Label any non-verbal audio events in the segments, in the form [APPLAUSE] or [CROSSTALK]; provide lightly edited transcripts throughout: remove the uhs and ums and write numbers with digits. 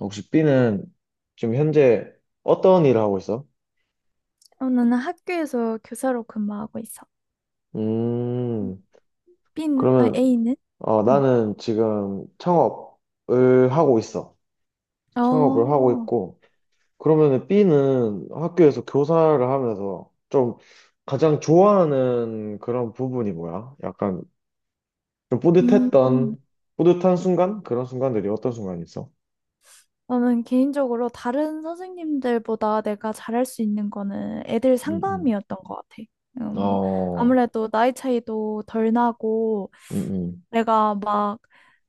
혹시 B는 지금 현재 어떤 일을 하고 있어? 나는 학교에서 교사로 근무하고 있어. 음. 음, 그러면 A는? 음. 나는 지금 창업을 하고 있어. 창업을 하고 어, 있고, 그러면 B는 학교에서 교사를 하면서 좀 가장 좋아하는 그런 부분이 뭐야? 약간 좀 음, 음. 뿌듯했던, 뿌듯한 순간? 그런 순간들이 어떤 순간이 있어? 나는 개인적으로 다른 선생님들보다 내가 잘할 수 있는 거는 애들 음, 음. 상담이었던 것 같아. 음, 어, 아무래도 나이 차이도 덜 나고, 음, 음, 내가 막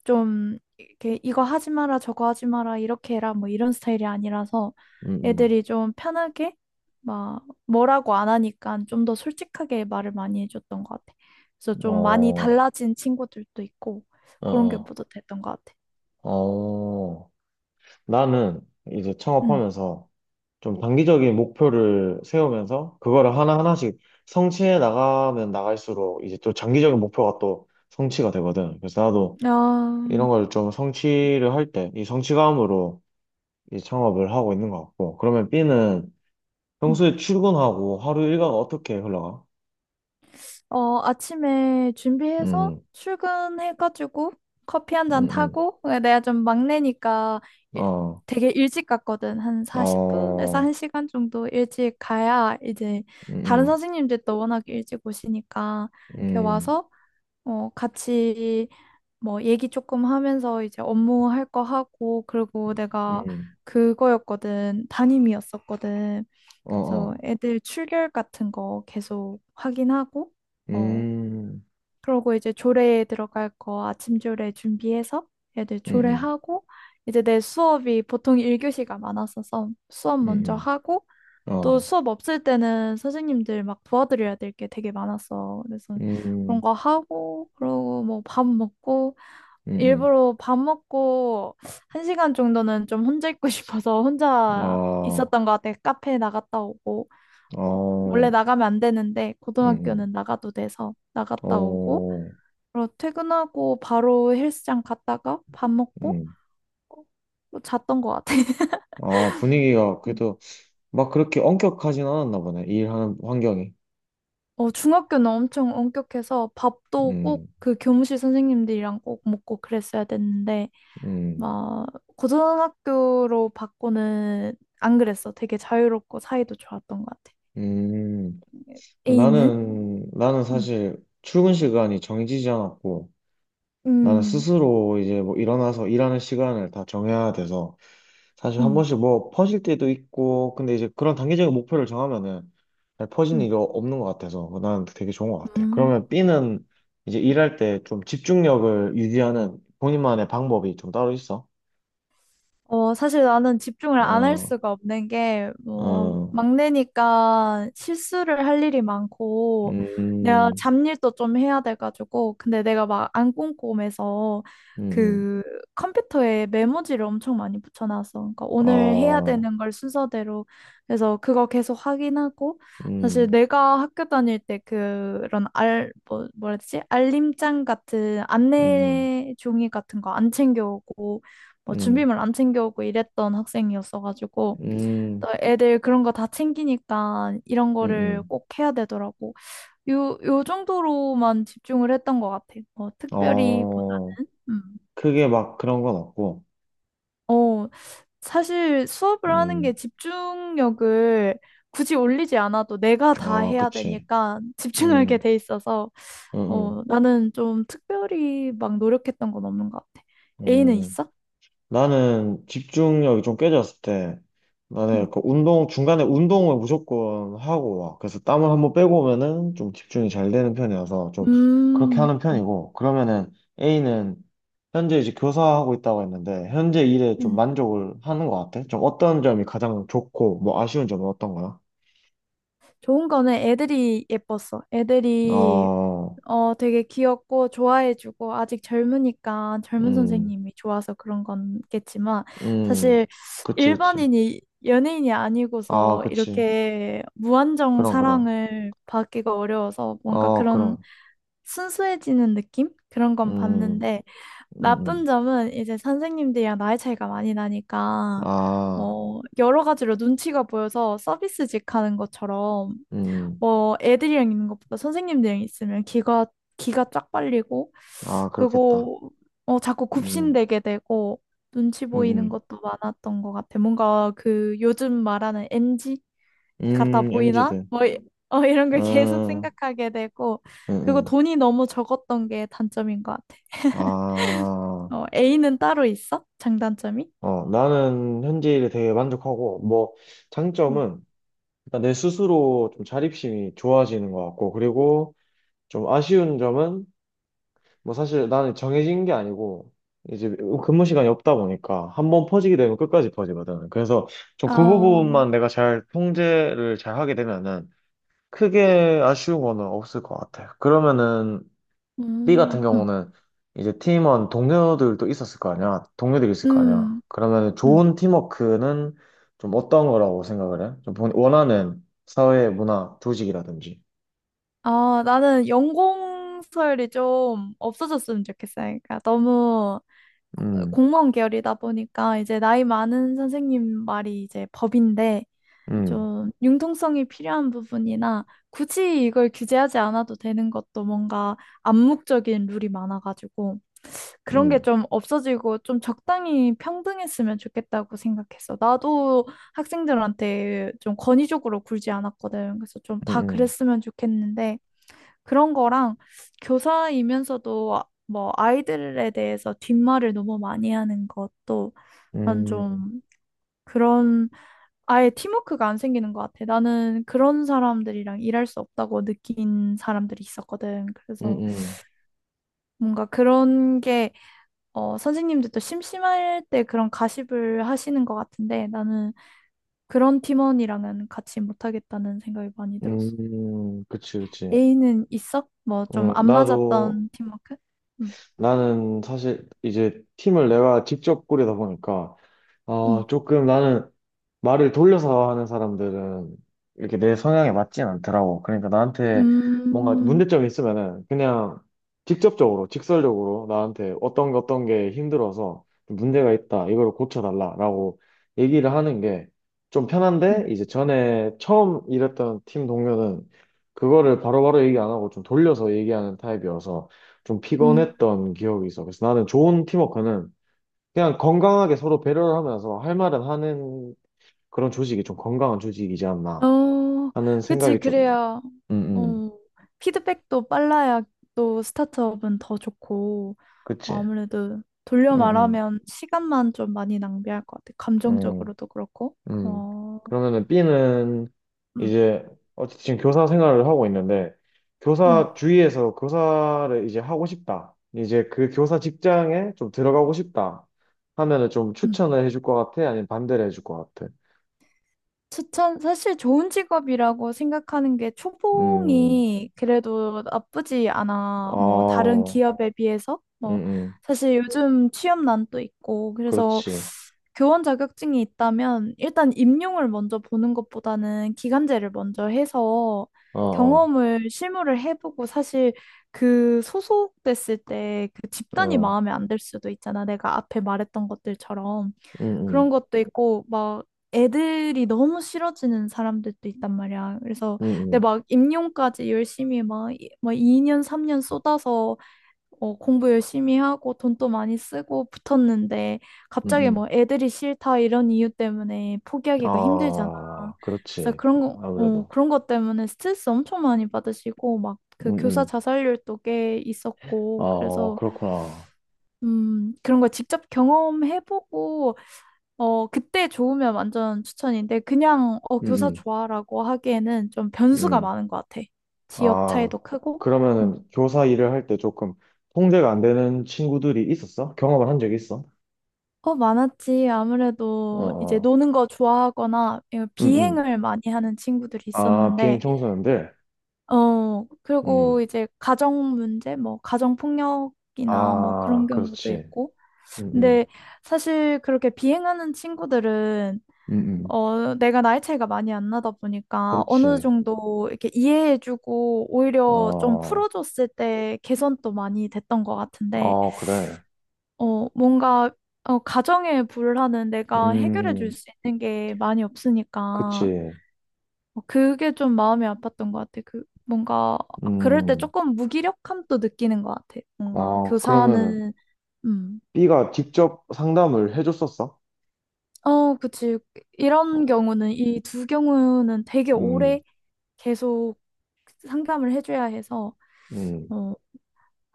좀 이렇게 이거 하지 마라 저거 하지 마라 이렇게 해라 뭐 이런 스타일이 아니라서 음, 애들이 좀 편하게 막 뭐라고 안 하니까 좀 더 솔직하게 말을 많이 해줬던 것 같아. 그래서 좀 많이 어, 달라진 친구들도 있고 어, 그런 게 어. 뿌듯했던 것 같아. 어. 나는 이제 음. 창업하면서 좀 단기적인 목표를 세우면서 그거를 하나하나씩 성취해 나가면 나갈수록 이제 또 장기적인 목표가 또 성취가 되거든. 그래서 나도 이런 아, 걸 좀 성취를 할 때 이 성취감으로 이 창업을 하고 있는 것 같고. 그러면 B는 음. 평소에 출근하고 하루 일과가 어떻게 흘러가? 아침에 준비해서 음, 출근해가지고 커피 한 음, 잔 음, 타고 내가 좀 막내니까 일- 어, 되게 일찍 갔거든. 한 40분에서 어, 1시간 정도 일찍 가야 이제 다른 음, 선생님들도 워낙 일찍 오시니까 이렇게 음, 와서 같이 뭐 얘기 조금 하면서 이제 업무 할 거 하고 그리고 음, 내가 음, 그거였거든. 담임이었었거든. 어, 그래서 어, 애들 출결 같은 거 계속 확인하고 어, 음, 그러고 이제 조례에 들어갈 거 아침 조례 준비해서 애들 음, 음, 조례하고 이제 내 수업이 보통 1교시가 많았어서 수업 음, 먼저 하고 또 어. 수업 없을 때는 선생님들 막 도와드려야 될 게 되게 많았어. 그래서 그런 음, 거 하고 그러고 뭐 밥 먹고 음, 음. 일부러 밥 먹고 1시간 정도는 좀 혼자 있고 [LAUGHS] 싶어서 혼자 아, 있었던 것 같아. 카페 나갔다 오고 뭐 원래 어, 나가면 안 되는데 음, 고등학교는 음. 나가도 돼서 나갔다 오고 어, 바로 퇴근하고 바로 헬스장 갔다가 밥 먹고 음. 어, 잤던 것 같아. [LAUGHS] 아, 분위기가 음. 그래도 막 그렇게 엄격하진 않았나 보네. 일하는 환경이. 중학교는 엄청 엄격해서 밥도 음, 꼭 그 교무실 선생님들이랑 꼭 먹고 그랬어야 됐는데, 음, 막, 고등학교로 바꾸는 안 그랬어. 되게 자유롭고 사이도 좋았던 것 같아. 음. A는? 나는 음. 사실 출근 시간이 정해지지 않았고, 나는 음, 스스로 이제 뭐 일어나서 일하는 시간을 다 정해야 돼서, 사실 한 음, 번씩 뭐 퍼질 때도 있고, 근데 이제 그런 단기적인 목표를 정하면은 잘 퍼지는 음. 일이 없는 것 같아서 난 되게 좋은 것 같아. 음. 그러면 B는 이제 일할 때 좀 집중력을 유지하는 본인만의 방법이 좀 따로 있어? 사실 나는 집중을 안 할 어, 수가 없는 게, 뭐, 어. 막내니까 실수를 할 일이 많고, 내가 음, 잡일도 좀 해야 돼가지고, 근데 내가 막 안 꼼꼼해서, 음, 그 컴퓨터에 메모지를 엄청 많이 붙여놨어. 그러니까 음. 오늘 해야 어. 되는 걸 순서대로 그래서 그거 계속 확인하고, 사실 음, 내가 학교 다닐 때 그런 뭐, 뭐라 해야 되지? 알림장 같은 음, 안내 종이 같은 거 안 챙겨오고, 뭐 음, 준비물 안 챙겨오고 이랬던 학생이었어가지고 또 음, 애들 그런 거 다 챙기니까 이런 거를 음. 꼭 해야 되더라고. 요 정도로만 집중을 했던 것 같아. 뭐 특별히 어, 보다는 크게 막 그런 건 없고, 어, 사실 수업을 하는 게 음, 집중력을 굳이 올리지 않아도 내가 다 아, 해야 그치, 되니까 집중하게 음, 돼 있어서 음, 음. 나는 좀 특별히 막 노력했던 건 없는 것 같아. A는 음. 있어? 나는 집중력이 좀 깨졌을 때 응. 나는 그 운동 중간에 운동을 무조건 하고 와. 그래서 땀을 한번 빼고 오면은 좀 집중이 잘 되는 편이어서 좀 그렇게 음. 하는 편이고 그러면은 A는 현재 이제 교사하고 있다고 했는데 현재 일에 좀 음. 만족을 하는 것 같아. 좀 어떤 점이 가장 좋고 뭐 아쉬운 점은 어떤 거야? 좋은 거는 애들이 예뻤어. 애들이 어, 되게 귀엽고 좋아해주고 아직 젊으니까 젊은 음, 선생님이 좋아서 그런 건겠지만 음, 사실 그치, 그치. 일반인이 연예인이 아, 아니고서 그치. 이렇게 무한정 그럼, 그럼. 사랑을 받기가 어려워서 뭔가 어, 그런 그럼. 순수해지는 느낌? 그런 건 음, 봤는데 음, 나쁜 음. 점은 이제 선생님들이랑 나이 차이가 많이 나니까 아. 뭐 여러 가지로 눈치가 보여서 서비스직 하는 것처럼 음. 뭐 애들이랑 있는 것보다 선생님들이랑 있으면 기가 쫙 빨리고 아, 그렇겠다. 그리고 자꾸 음, 굽신대게 되고 눈치 보이는 음, 것도 많았던 것 같아. 뭔가 그 요즘 말하는 NG 같아 보이나? MZ들. 이런 걸 계속 음, 생각하게 되고 음, 그리고 음. 돈이 너무 적었던 게 단점인 것 같아. 아, A는 따로 있어? 장단점이? 나는 현재 일에 되게 만족하고, 뭐, 음. 장점은 일단 내 스스로 좀 자립심이 좋아지는 것 같고, 그리고 좀 아쉬운 점은, 뭐, 사실 나는 정해진 게 아니고, 이제 근무 시간이 없다 보니까 한번 퍼지게 되면 끝까지 퍼지거든. 그래서 좀 그 아, 부분만 내가 잘 통제를 잘 하게 되면은 크게 아쉬운 거는 없을 것 같아요. 그러면은 B 음, 같은 음, 경우는 이제 팀원 동료들도 있었을 거 아니야. 동료들이 있을 거 아니야. 음, 그러면 음. 좋은 팀워크는 좀 어떤 거라고 생각을 해? 좀 원하는 사회 문화 조직이라든지. 아, 나는 연공서열이 좀 없어졌으면 좋겠어. 그러니까 너무 음, 공무원 계열이다 보니까 이제 나이 많은 선생님 말이 이제 법인데 음, 좀 융통성이 필요한 부분이나 굳이 이걸 규제하지 않아도 되는 것도 뭔가 암묵적인 룰이 많아가지고 그런 게 음, 좀 없어지고 좀 적당히 평등했으면 좋겠다고 생각했어. 나도 학생들한테 좀 권위적으로 굴지 않았거든. 그래서 좀 다 음, 그랬으면 좋겠는데 그런 거랑 교사이면서도 뭐 아이들에 대해서 뒷말을 너무 많이 하는 것도 난 음, 음, 좀 그런 아예 팀워크가 안 생기는 것 같아. 나는 그런 사람들이랑 일할 수 없다고 느낀 사람들이 있었거든. 그래서 음, 뭔가 그런 게 선생님들도 심심할 때 그런 가십을 하시는 것 같은데 나는 그런 팀원이랑은 같이 못하겠다는 생각이 많이 들었어. 그치, 그치. A는 있어? 뭐 좀 안 나도, 맞았던 팀워크? 응. 나는 사실 이제 팀을 내가 직접 꾸리다 보니까 응. 조금 나는 말을 돌려서 하는 사람들은 이렇게 내 성향에 맞진 않더라고. 그러니까 나한테 뭔가 음, 문제점이 있으면은 그냥 직접적으로, 직설적으로 나한테 어떤 게 힘들어서 문제가 있다. 이걸 고쳐달라라고 얘기를 하는 게 좀 음. 편한데 이제 전에 처음 일했던 팀 동료는 그거를 바로바로 얘기 안 하고 좀 돌려서 얘기하는 타입이어서 좀 음. 피곤했던 기억이 있어. 그래서 나는 좋은 팀워크는 그냥 건강하게 서로 배려를 하면서 할 말은 하는 그런 조직이 좀 건강한 조직이지 않나 어, 하는 그치, 생각이 좀, 그래야, 음, 음, 어, 피드백도 빨라야 또 스타트업은 더 좋고, 그치. 아무래도 음, 돌려 음, 말하면 시간만 좀 많이 낭비할 것 같아. 음, 감정적으로도 그렇고. 음. 어, 그러면은 B는 음, 이제, 어쨌든 지금 교사 생활을 하고 있는데, 음, 교사 주위에서 교사를 이제 하고 싶다. 이제 그 교사 직장에 좀 들어가고 싶다. 하면은 좀 음. 추천을 해줄 것 같아? 아니면 반대를 해줄 것 같아? 추천, 사실 좋은 직업이라고 생각하는 게 음, 초봉이 그래도 나쁘지 않아. 뭐, 다른 어, 기업에 비해서. 뭐, 음, 음, 사실 요즘 취업난도 있고, 그래서 그렇지. 교원 자격증이 있다면 일단 임용을 먼저 보는 것보다는 기간제를 먼저 해서 어, 어. 경험을 실무를 해보고 사실 그 소속됐을 때 그 집단이 어. 마음에 안 들 수도 있잖아. 내가 앞에 말했던 것들처럼. 음, 그런 음, 것도 있고 막 애들이 너무 싫어지는 사람들도 있단 말이야. 그래서 근데 음, 막 임용까지 열심히 막, 막 2년 3년 쏟아서 공부 열심히 하고 돈도 많이 쓰고 붙었는데 갑자기 음. 뭐 애들이 싫다 이런 이유 때문에 포기하기가 힘들잖아. 아, 그래서 그렇지. 그런 거, 아무래도. 그런 것 때문에 스트레스 엄청 많이 받으시고 막 음, 그 교사 음. 자살률도 꽤 있었고 아, 그래서 그렇구나. 그런 걸 직접 경험해보고 그때 좋으면 완전 추천인데, 그냥, 교사 음, 좋아라고 하기에는 좀 음, 변수가 음. 많은 것 같아. 지역 아, 차이도 크고. 음. 그러면은 교사 일을 할 때 조금 통제가 안 되는 친구들이 있었어? 경험을 한 적이 있어? 많았지. 어, 아무래도 이제 어. 노는 거 좋아하거나 예, 음, 음. 비행을 많이 하는 친구들이 아, 비행 있었는데, 청소년들? 그리고 음. 이제 가정 문제, 뭐, 가정 폭력이나 뭐 아, 그런 경우도 그렇지. 있고. 음, 근데 음. 사실 그렇게 비행하는 친구들은 음, 음. 내가 나이 차이가 많이 안 나다 보니까 어느 그렇지. 정도 이렇게 이해해주고 오히려 좀 어, 풀어줬을 때 개선도 많이 됐던 것 같은데, 어, 그래. 뭔가, 가정의 불화는 내가 해결해 줄 음, 수 있는 게 많이 없으니까, 그치. 그게 좀 마음이 아팠던 것 같아. 뭔가, 그럴 때 음, 조금 무기력함도 느끼는 것 같아. 뭔가 아, 그러면은 교사는, 음, B가 직접 상담을 해줬었어? 그치. 이런 어, 경우는, 이 두 경우는 되게 음, 오래 계속 상담을 해줘야 해서, 음, 어,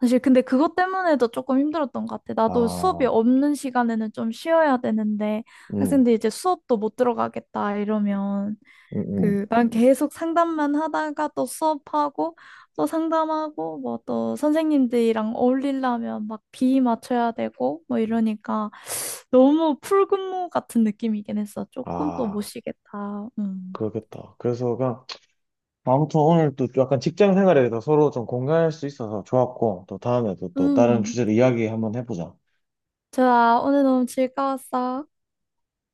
사실 근데 그것 때문에도 조금 힘들었던 것 같아. 나도 수업이 아, 없는 시간에는 좀 쉬어야 되는데, 음, 학생들이 이제 수업도 못 들어가겠다 이러면, 음, 음. 난 계속 상담만 하다가 또 수업하고, 또 상담하고, 뭐 또 선생님들이랑 어울리려면 막 비위 맞춰야 되고, 뭐 이러니까 너무 풀근무 같은 느낌이긴 했어. 조금 또 못 아, 쉬겠다. 음. 그렇겠다. 그래서 그냥, 아무튼 오늘 또 약간 직장 생활에 대해서 서로 좀 공감할 수 있어서 좋았고, 또 다음에도 또 다른 음. 주제로 이야기 한번 해보자. 좋아. 오늘 너무 즐거웠어.